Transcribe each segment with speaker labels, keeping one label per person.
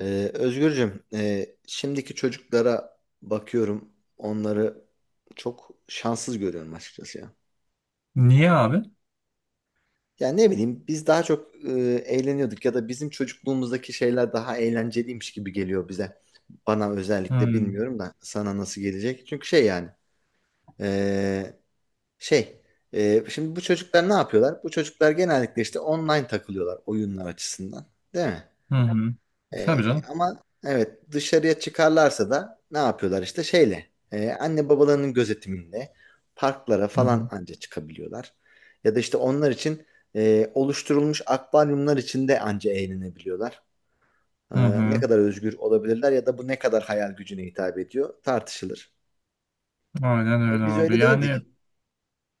Speaker 1: Özgürcüm, şimdiki çocuklara bakıyorum, onları çok şanssız görüyorum açıkçası ya.
Speaker 2: Niye abi?
Speaker 1: Yani ne bileyim, biz daha çok eğleniyorduk ya da bizim çocukluğumuzdaki şeyler daha eğlenceliymiş gibi geliyor bize. Bana özellikle
Speaker 2: Hmm.
Speaker 1: bilmiyorum da sana nasıl gelecek. Çünkü şey yani, e, şey, şimdi bu çocuklar ne yapıyorlar? Bu çocuklar genellikle işte online takılıyorlar oyunlar açısından, değil mi?
Speaker 2: Hı hı. Tabii canım.
Speaker 1: Ama evet dışarıya çıkarlarsa da ne yapıyorlar işte şeyle anne babalarının gözetiminde parklara
Speaker 2: Hı
Speaker 1: falan
Speaker 2: hı.
Speaker 1: anca çıkabiliyorlar. Ya da işte onlar için oluşturulmuş akvaryumlar içinde anca eğlenebiliyorlar.
Speaker 2: Hı
Speaker 1: Ne
Speaker 2: hı.
Speaker 1: kadar özgür olabilirler ya da bu ne kadar hayal gücüne hitap ediyor tartışılır.
Speaker 2: Aynen
Speaker 1: Ama
Speaker 2: öyle
Speaker 1: biz
Speaker 2: abi.
Speaker 1: öyle
Speaker 2: Yani
Speaker 1: değildik.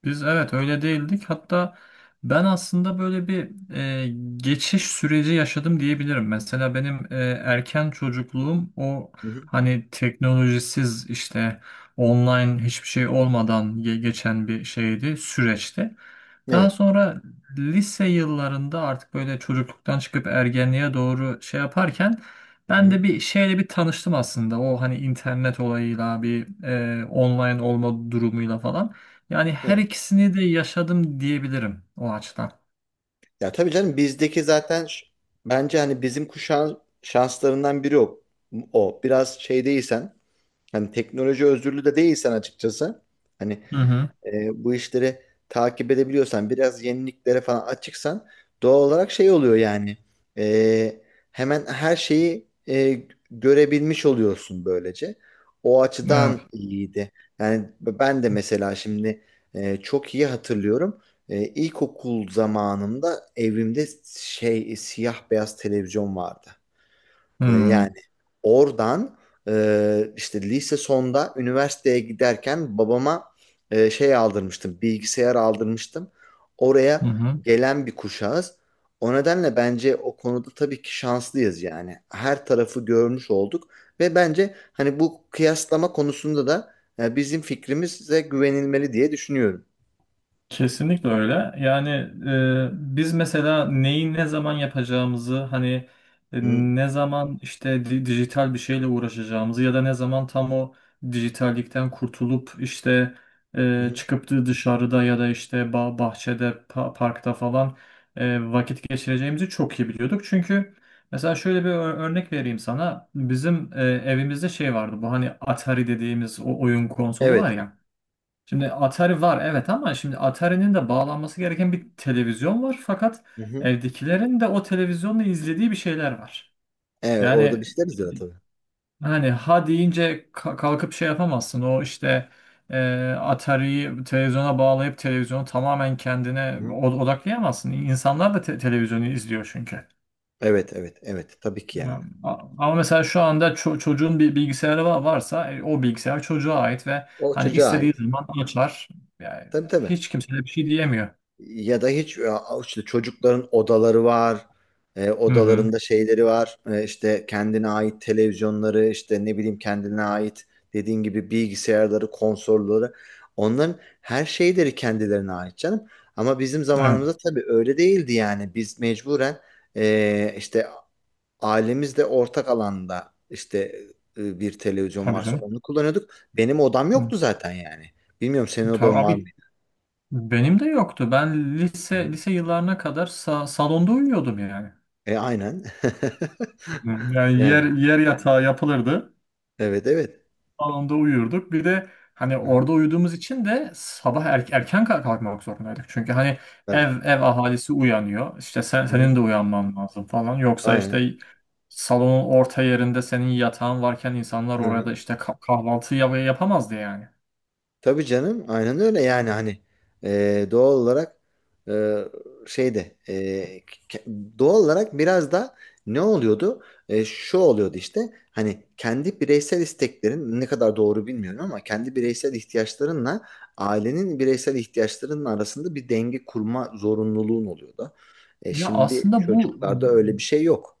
Speaker 2: biz evet öyle değildik. Hatta ben aslında böyle bir geçiş süreci yaşadım diyebilirim. Mesela benim erken çocukluğum o
Speaker 1: Hı hı.
Speaker 2: hani teknolojisiz, işte online hiçbir şey olmadan geçen bir şeydi, süreçti. Daha
Speaker 1: Evet.
Speaker 2: sonra lise yıllarında artık böyle çocukluktan çıkıp ergenliğe doğru şey yaparken
Speaker 1: Hı
Speaker 2: ben
Speaker 1: hı.
Speaker 2: de bir şeyle bir tanıştım aslında. O hani internet olayıyla bir online olma durumuyla falan. Yani her
Speaker 1: Evet.
Speaker 2: ikisini de yaşadım diyebilirim o açıdan.
Speaker 1: Ya tabii canım bizdeki zaten bence hani bizim kuşağın şanslarından biri o. O biraz şey değilsen, hani teknoloji özürlü de değilsen açıkçası. Hani
Speaker 2: Hı hı.
Speaker 1: bu işleri takip edebiliyorsan, biraz yeniliklere falan açıksan doğal olarak şey oluyor yani. E, hemen her şeyi görebilmiş oluyorsun böylece. O
Speaker 2: Evet.
Speaker 1: açıdan iyiydi. Yani ben de mesela şimdi çok iyi hatırlıyorum. İlkokul zamanımda evimde şey siyah beyaz televizyon vardı.
Speaker 2: Hı
Speaker 1: Yani oradan işte lise sonda üniversiteye giderken babama şey aldırmıştım, bilgisayar aldırmıştım. Oraya
Speaker 2: hı.
Speaker 1: gelen bir kuşağız. O nedenle bence o konuda tabii ki şanslıyız yani. Her tarafı görmüş olduk ve bence hani bu kıyaslama konusunda da bizim fikrimize güvenilmeli diye düşünüyorum.
Speaker 2: Kesinlikle öyle. Yani biz mesela neyi ne zaman yapacağımızı, hani
Speaker 1: Hı
Speaker 2: ne zaman işte dijital bir şeyle uğraşacağımızı ya da ne zaman tam o dijitallikten kurtulup işte
Speaker 1: hı. Hı.
Speaker 2: çıkıp da dışarıda ya da işte bahçede, parkta falan vakit geçireceğimizi çok iyi biliyorduk. Çünkü mesela şöyle bir örnek vereyim sana. Bizim evimizde şey vardı, bu hani Atari dediğimiz o oyun konsolu var
Speaker 1: Evet.
Speaker 2: ya. Şimdi Atari var, evet, ama şimdi Atari'nin de bağlanması gereken bir televizyon var, fakat
Speaker 1: Hı hı.
Speaker 2: evdekilerin de o televizyonla izlediği bir şeyler var.
Speaker 1: Evet, orada
Speaker 2: Yani
Speaker 1: bir şeyler izliyor tabii.
Speaker 2: hani ha deyince kalkıp şey yapamazsın, o işte e, Atari'yi televizyona bağlayıp televizyonu tamamen
Speaker 1: Hı
Speaker 2: kendine
Speaker 1: hı.
Speaker 2: odaklayamazsın. İnsanlar da televizyonu izliyor çünkü.
Speaker 1: Evet, evet, evet. Tabii ki yani.
Speaker 2: Ya, ama mesela şu anda çocuğun bir bilgisayarı varsa o bilgisayar çocuğa ait ve
Speaker 1: O
Speaker 2: hani
Speaker 1: çocuğa
Speaker 2: istediği
Speaker 1: ait.
Speaker 2: zaman açar. Yani
Speaker 1: Tabii tabii.
Speaker 2: hiç kimse de bir şey diyemiyor.
Speaker 1: Ya da hiç ya işte çocukların odaları var. E,
Speaker 2: Hı hı.
Speaker 1: odalarında şeyleri var. E, işte kendine ait televizyonları, işte ne bileyim kendine ait dediğin gibi bilgisayarları, konsolları. Onların her şeyleri kendilerine ait canım. Ama bizim
Speaker 2: Evet,
Speaker 1: zamanımızda tabii öyle değildi yani. Biz mecburen işte ailemizle ortak alanda işte bir televizyon
Speaker 2: tabii
Speaker 1: varsa
Speaker 2: canım.
Speaker 1: onu kullanıyorduk. Benim odam
Speaker 2: Hı.
Speaker 1: yoktu zaten yani. Bilmiyorum senin odan var
Speaker 2: Tabii benim de yoktu. Ben lise
Speaker 1: mı?
Speaker 2: lise yıllarına kadar salonda uyuyordum yani.
Speaker 1: E aynen.
Speaker 2: Hı, yani yer
Speaker 1: Yani
Speaker 2: yer yatağı yapılırdı,
Speaker 1: evet evet.
Speaker 2: anında uyuyorduk. Bir de hani
Speaker 1: Hı-hı.
Speaker 2: orada uyuduğumuz için de sabah erken kalkmak zorundaydık. Çünkü hani
Speaker 1: Tabii.
Speaker 2: ev ahalisi uyanıyor. İşte sen, senin
Speaker 1: Hı-hı.
Speaker 2: de uyanman lazım falan. Yoksa işte
Speaker 1: Aynen.
Speaker 2: salonun orta yerinde senin yatağın varken insanlar orada
Speaker 1: Hı-hı.
Speaker 2: işte kahvaltı yapamazdı yani.
Speaker 1: Tabii canım aynen öyle yani hani doğal olarak e, şeyde e, doğal olarak biraz da ne oluyordu? Şu oluyordu işte hani kendi bireysel isteklerin ne kadar doğru bilmiyorum ama kendi bireysel ihtiyaçlarınla ailenin bireysel ihtiyaçlarının arasında bir denge kurma zorunluluğun oluyordu.
Speaker 2: Ya
Speaker 1: Şimdi
Speaker 2: aslında bu,
Speaker 1: çocuklarda öyle bir şey yok.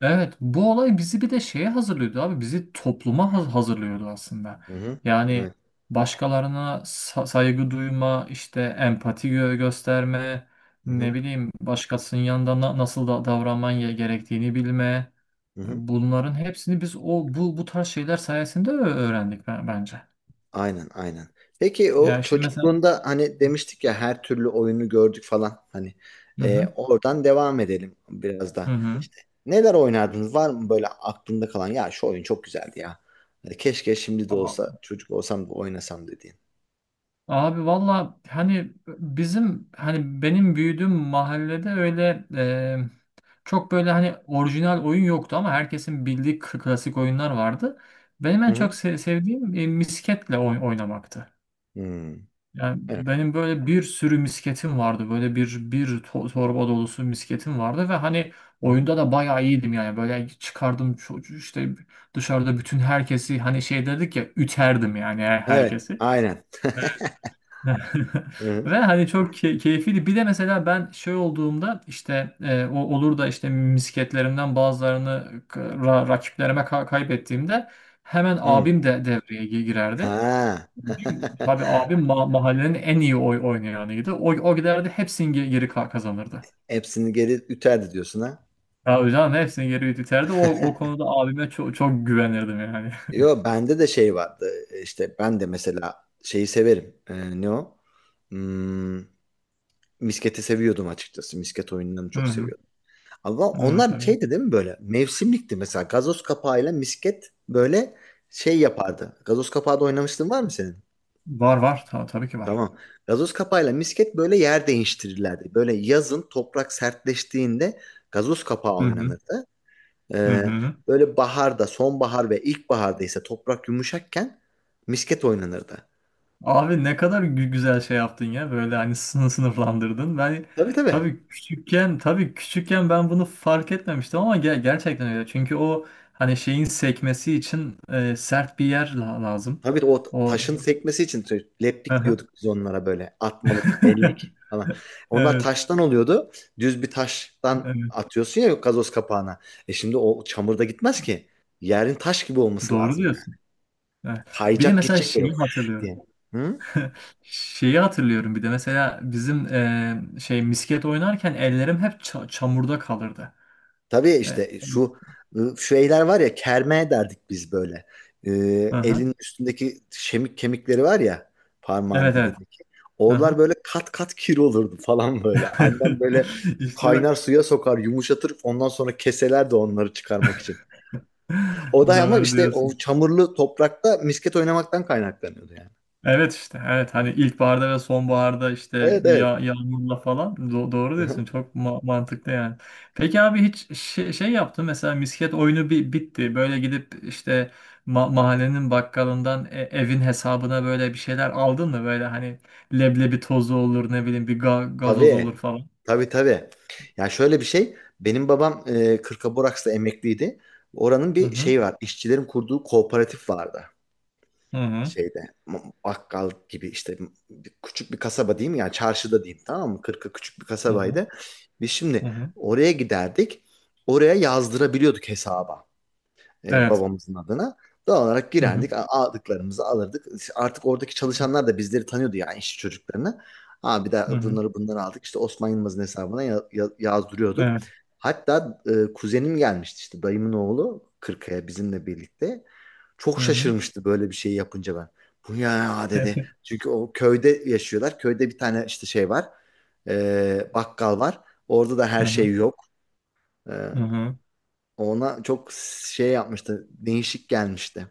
Speaker 2: evet, bu olay bizi bir de şeye hazırlıyordu abi. Bizi topluma hazırlıyordu aslında.
Speaker 1: Hı hı.
Speaker 2: Yani
Speaker 1: Evet.
Speaker 2: başkalarına saygı duyma, işte empati gösterme,
Speaker 1: Hı
Speaker 2: ne
Speaker 1: hı.
Speaker 2: bileyim başkasının yanında nasıl da davranman gerektiğini bilme.
Speaker 1: Hı hı.
Speaker 2: Bunların hepsini biz o bu tarz şeyler sayesinde öğrendik bence.
Speaker 1: Aynen, aynen. Peki o
Speaker 2: Yani şimdi mesela.
Speaker 1: çocukluğunda hani demiştik ya her türlü oyunu gördük falan. Hani
Speaker 2: Hı hı.
Speaker 1: oradan devam edelim biraz da.
Speaker 2: Hı
Speaker 1: Neler oynardınız? Var mı böyle aklında kalan ya şu oyun çok güzeldi ya. Hani keşke şimdi de olsa
Speaker 2: hı.
Speaker 1: çocuk olsam da oynasam dediğin.
Speaker 2: Abi valla, hani bizim, hani benim büyüdüğüm mahallede öyle çok böyle hani orijinal oyun yoktu ama herkesin bildiği klasik oyunlar vardı. Benim
Speaker 1: Hı
Speaker 2: en çok
Speaker 1: hı.
Speaker 2: sevdiğim misketle oynamaktı.
Speaker 1: Hmm.
Speaker 2: Yani
Speaker 1: Evet.
Speaker 2: benim böyle bir sürü misketim vardı. Böyle bir torba dolusu misketim vardı ve hani
Speaker 1: Hı hı.
Speaker 2: oyunda da bayağı iyiydim yani. Böyle çıkardım çocuğu, işte dışarıda bütün herkesi, hani şey dedik ya, üterdim yani
Speaker 1: Evet,
Speaker 2: herkesi.
Speaker 1: aynen. Hı hı.
Speaker 2: Ve hani çok keyifliydi. Bir de mesela ben şey olduğumda, işte o olur da işte misketlerimden bazılarını rakiplerime kaybettiğimde, hemen
Speaker 1: Hı.
Speaker 2: abim de devreye girerdi.
Speaker 1: Ha.
Speaker 2: Tabii abim mahallenin en iyi oynayanıydı. O, o giderdi hepsini geri kazanırdı.
Speaker 1: Hepsini geri üterdi diyorsun ha.
Speaker 2: Tabii canım, hepsini geri iterdi. O, o konuda abime çok, çok güvenirdim yani.
Speaker 1: Yo bende de şey vardı. E, İşte ben de mesela şeyi severim. Ne o? Hmm, misketi seviyordum açıkçası. Misket oyunlarını
Speaker 2: Hı
Speaker 1: çok
Speaker 2: hı.
Speaker 1: seviyordum. Ama
Speaker 2: Evet,
Speaker 1: onlar
Speaker 2: evet.
Speaker 1: şeydi değil mi böyle? Mevsimlikti mesela. Gazoz kapağıyla misket böyle şey yapardı. Gazoz kapağı da oynamıştın var mı senin?
Speaker 2: Var, var, tabii ki var.
Speaker 1: Tamam. Gazoz kapağıyla misket böyle yer değiştirirlerdi. Böyle yazın toprak sertleştiğinde gazoz kapağı
Speaker 2: Hı hı.
Speaker 1: oynanırdı.
Speaker 2: Hı
Speaker 1: Ee,
Speaker 2: hı.
Speaker 1: böyle baharda, sonbahar ve ilkbaharda ise toprak yumuşakken misket oynanırdı.
Speaker 2: Abi ne kadar güzel şey yaptın ya, böyle hani sınıflandırdın. Ben
Speaker 1: Tabii tabii.
Speaker 2: tabii küçükken ben bunu fark etmemiştim ama gerçekten öyle. Çünkü o hani şeyin sekmesi için sert bir yer lazım.
Speaker 1: Tabii o
Speaker 2: O
Speaker 1: taşın sekmesi için leplik
Speaker 2: aha.
Speaker 1: diyorduk biz onlara böyle. Atmalık, ellik falan. Onlar
Speaker 2: Evet,
Speaker 1: taştan oluyordu. Düz bir taştan
Speaker 2: evet.
Speaker 1: atıyorsun ya gazoz kapağına. E şimdi o çamurda gitmez ki. Yerin taş gibi olması
Speaker 2: Doğru
Speaker 1: lazım yani.
Speaker 2: diyorsun. Evet. Bir de
Speaker 1: Kayacak
Speaker 2: mesela
Speaker 1: gidecek böyle
Speaker 2: şeyi
Speaker 1: fış
Speaker 2: hatırlıyorum.
Speaker 1: diye. Hı?
Speaker 2: Şeyi hatırlıyorum, bir de mesela bizim şey misket oynarken ellerim hep çamurda kalırdı.
Speaker 1: Tabii
Speaker 2: E,
Speaker 1: işte şu şeyler var ya kerme derdik biz böyle.
Speaker 2: Hı
Speaker 1: Ee,
Speaker 2: hı.
Speaker 1: elin üstündeki şemik kemikleri var ya parmağın
Speaker 2: Evet, evet.
Speaker 1: dibindeki.
Speaker 2: Hı
Speaker 1: Oralar
Speaker 2: hı.
Speaker 1: böyle kat kat kir olurdu falan böyle. Annem böyle
Speaker 2: İşte bak.
Speaker 1: kaynar suya sokar, yumuşatır. Ondan sonra keselerdi onları çıkarmak için. O da ama
Speaker 2: Doğru
Speaker 1: işte o
Speaker 2: diyorsun.
Speaker 1: çamurlu toprakta misket oynamaktan kaynaklanıyordu yani.
Speaker 2: Evet, işte evet, hani ilkbaharda ve sonbaharda, işte
Speaker 1: Evet
Speaker 2: bir
Speaker 1: evet.
Speaker 2: ya yağmurla falan, doğru diyorsun, çok mantıklı yani. Peki abi, hiç şey, şey yaptın mesela, misket oyunu bi bitti, böyle gidip işte mahallenin bakkalından evin hesabına böyle bir şeyler aldın mı, böyle hani leblebi tozu olur, ne bileyim bir gazoz
Speaker 1: Tabii.
Speaker 2: olur falan.
Speaker 1: Tabii tabii. Ya şöyle bir şey. Benim babam Kırkaburaks'ta emekliydi. Oranın
Speaker 2: Hı
Speaker 1: bir
Speaker 2: hı.
Speaker 1: şeyi var. İşçilerin kurduğu kooperatif vardı.
Speaker 2: Hı hı.
Speaker 1: Şeyde bakkal gibi işte küçük bir kasaba diyeyim yani çarşıda diyeyim tamam mı? Kırka küçük bir
Speaker 2: Hı hı.
Speaker 1: kasabaydı. Biz
Speaker 2: Hı
Speaker 1: şimdi
Speaker 2: hı.
Speaker 1: oraya giderdik. Oraya yazdırabiliyorduk hesaba
Speaker 2: Evet.
Speaker 1: babamızın adına. Doğal olarak
Speaker 2: Hı hı.
Speaker 1: girerdik, aldıklarımızı alırdık. Artık oradaki çalışanlar da bizleri tanıyordu yani işçi çocuklarını. Abi de
Speaker 2: Hı hı.
Speaker 1: bunları aldık. İşte Osman Yılmaz'ın hesabına yazdırıyorduk.
Speaker 2: Evet.
Speaker 1: Hatta kuzenim gelmişti işte dayımın oğlu Kırkaya bizimle birlikte.
Speaker 2: Hı
Speaker 1: Çok
Speaker 2: hı.
Speaker 1: şaşırmıştı böyle bir şey yapınca ben. Bu ya dedi. Çünkü o köyde yaşıyorlar. Köyde bir tane işte şey var. E, bakkal var. Orada da her
Speaker 2: Hı hı.
Speaker 1: şey yok. E,
Speaker 2: Hı hı.
Speaker 1: ona çok şey yapmıştı. Değişik gelmişti.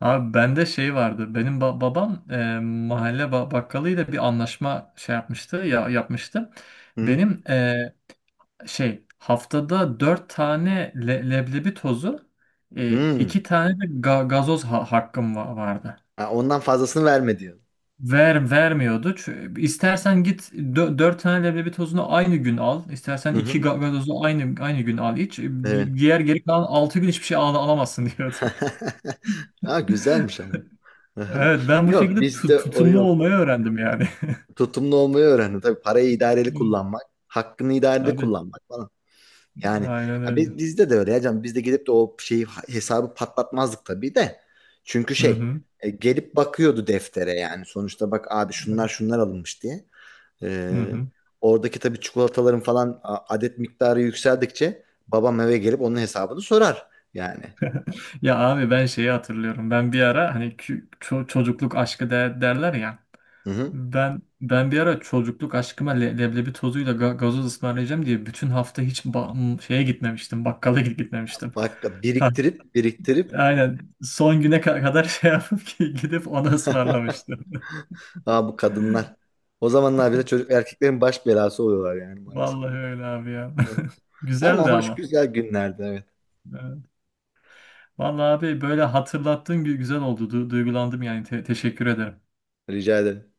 Speaker 2: Abi bende şey vardı. Benim babam mahalle bakkalıyla bir anlaşma şey yapmıştı ya, yapmıştı.
Speaker 1: Hı hı.
Speaker 2: Benim şey, haftada dört tane leblebi tozu,
Speaker 1: Hmm.
Speaker 2: iki tane de gazoz hakkım vardı.
Speaker 1: Ha, ondan fazlasını verme diyor.
Speaker 2: Vermiyordu. Çünkü istersen git, dört tane leblebi tozunu aynı gün al. İstersen
Speaker 1: Hı
Speaker 2: iki
Speaker 1: hı.
Speaker 2: gazozu aynı gün al, iç.
Speaker 1: Evet.
Speaker 2: Diğer geri kalan 6 gün hiçbir şey alamazsın, diyordu.
Speaker 1: Ha, güzelmiş ama. Aha.
Speaker 2: Evet, ben bu
Speaker 1: Yok
Speaker 2: şekilde
Speaker 1: bizde o
Speaker 2: tutumlu olmayı
Speaker 1: yoktu.
Speaker 2: öğrendim yani.
Speaker 1: Tutumlu olmayı öğrendim. Tabii parayı idareli
Speaker 2: Hı,
Speaker 1: kullanmak, hakkını idareli
Speaker 2: tabii.
Speaker 1: kullanmak falan. Yani
Speaker 2: Aynen
Speaker 1: ya
Speaker 2: öyle.
Speaker 1: biz, bizde de öyle ya canım. Biz de gidip de o şeyi hesabı patlatmazdık tabii de. Çünkü
Speaker 2: Hı
Speaker 1: şey
Speaker 2: hı.
Speaker 1: gelip bakıyordu deftere yani. Sonuçta bak abi şunlar şunlar alınmış diye.
Speaker 2: Hı
Speaker 1: Ee,
Speaker 2: hı.
Speaker 1: oradaki tabii çikolataların falan adet miktarı yükseldikçe babam eve gelip onun hesabını sorar yani.
Speaker 2: Ya abi, ben şeyi hatırlıyorum. Ben bir ara, hani çocukluk aşkı derler ya.
Speaker 1: Hı hı.
Speaker 2: Ben bir ara çocukluk aşkıma leblebi tozuyla gazoz ısmarlayacağım diye bütün hafta hiç şeye gitmemiştim. Bakkala gitmemiştim.
Speaker 1: Bak
Speaker 2: Ta-
Speaker 1: biriktirip biriktirip
Speaker 2: Aynen son güne kadar şey yapıp ki gidip onu ısmarlamıştım.
Speaker 1: ha bu kadınlar. O zamanlar bile çocuk erkeklerin baş belası oluyorlar yani maalesef.
Speaker 2: Vallahi öyle abi ya.
Speaker 1: Hı hı. Ama
Speaker 2: Güzeldi
Speaker 1: hoş
Speaker 2: ama.
Speaker 1: güzel günlerdi evet.
Speaker 2: Vallahi abi, böyle hatırlattığın güzel oldu. Duygulandım yani. Teşekkür ederim.
Speaker 1: Rica ederim.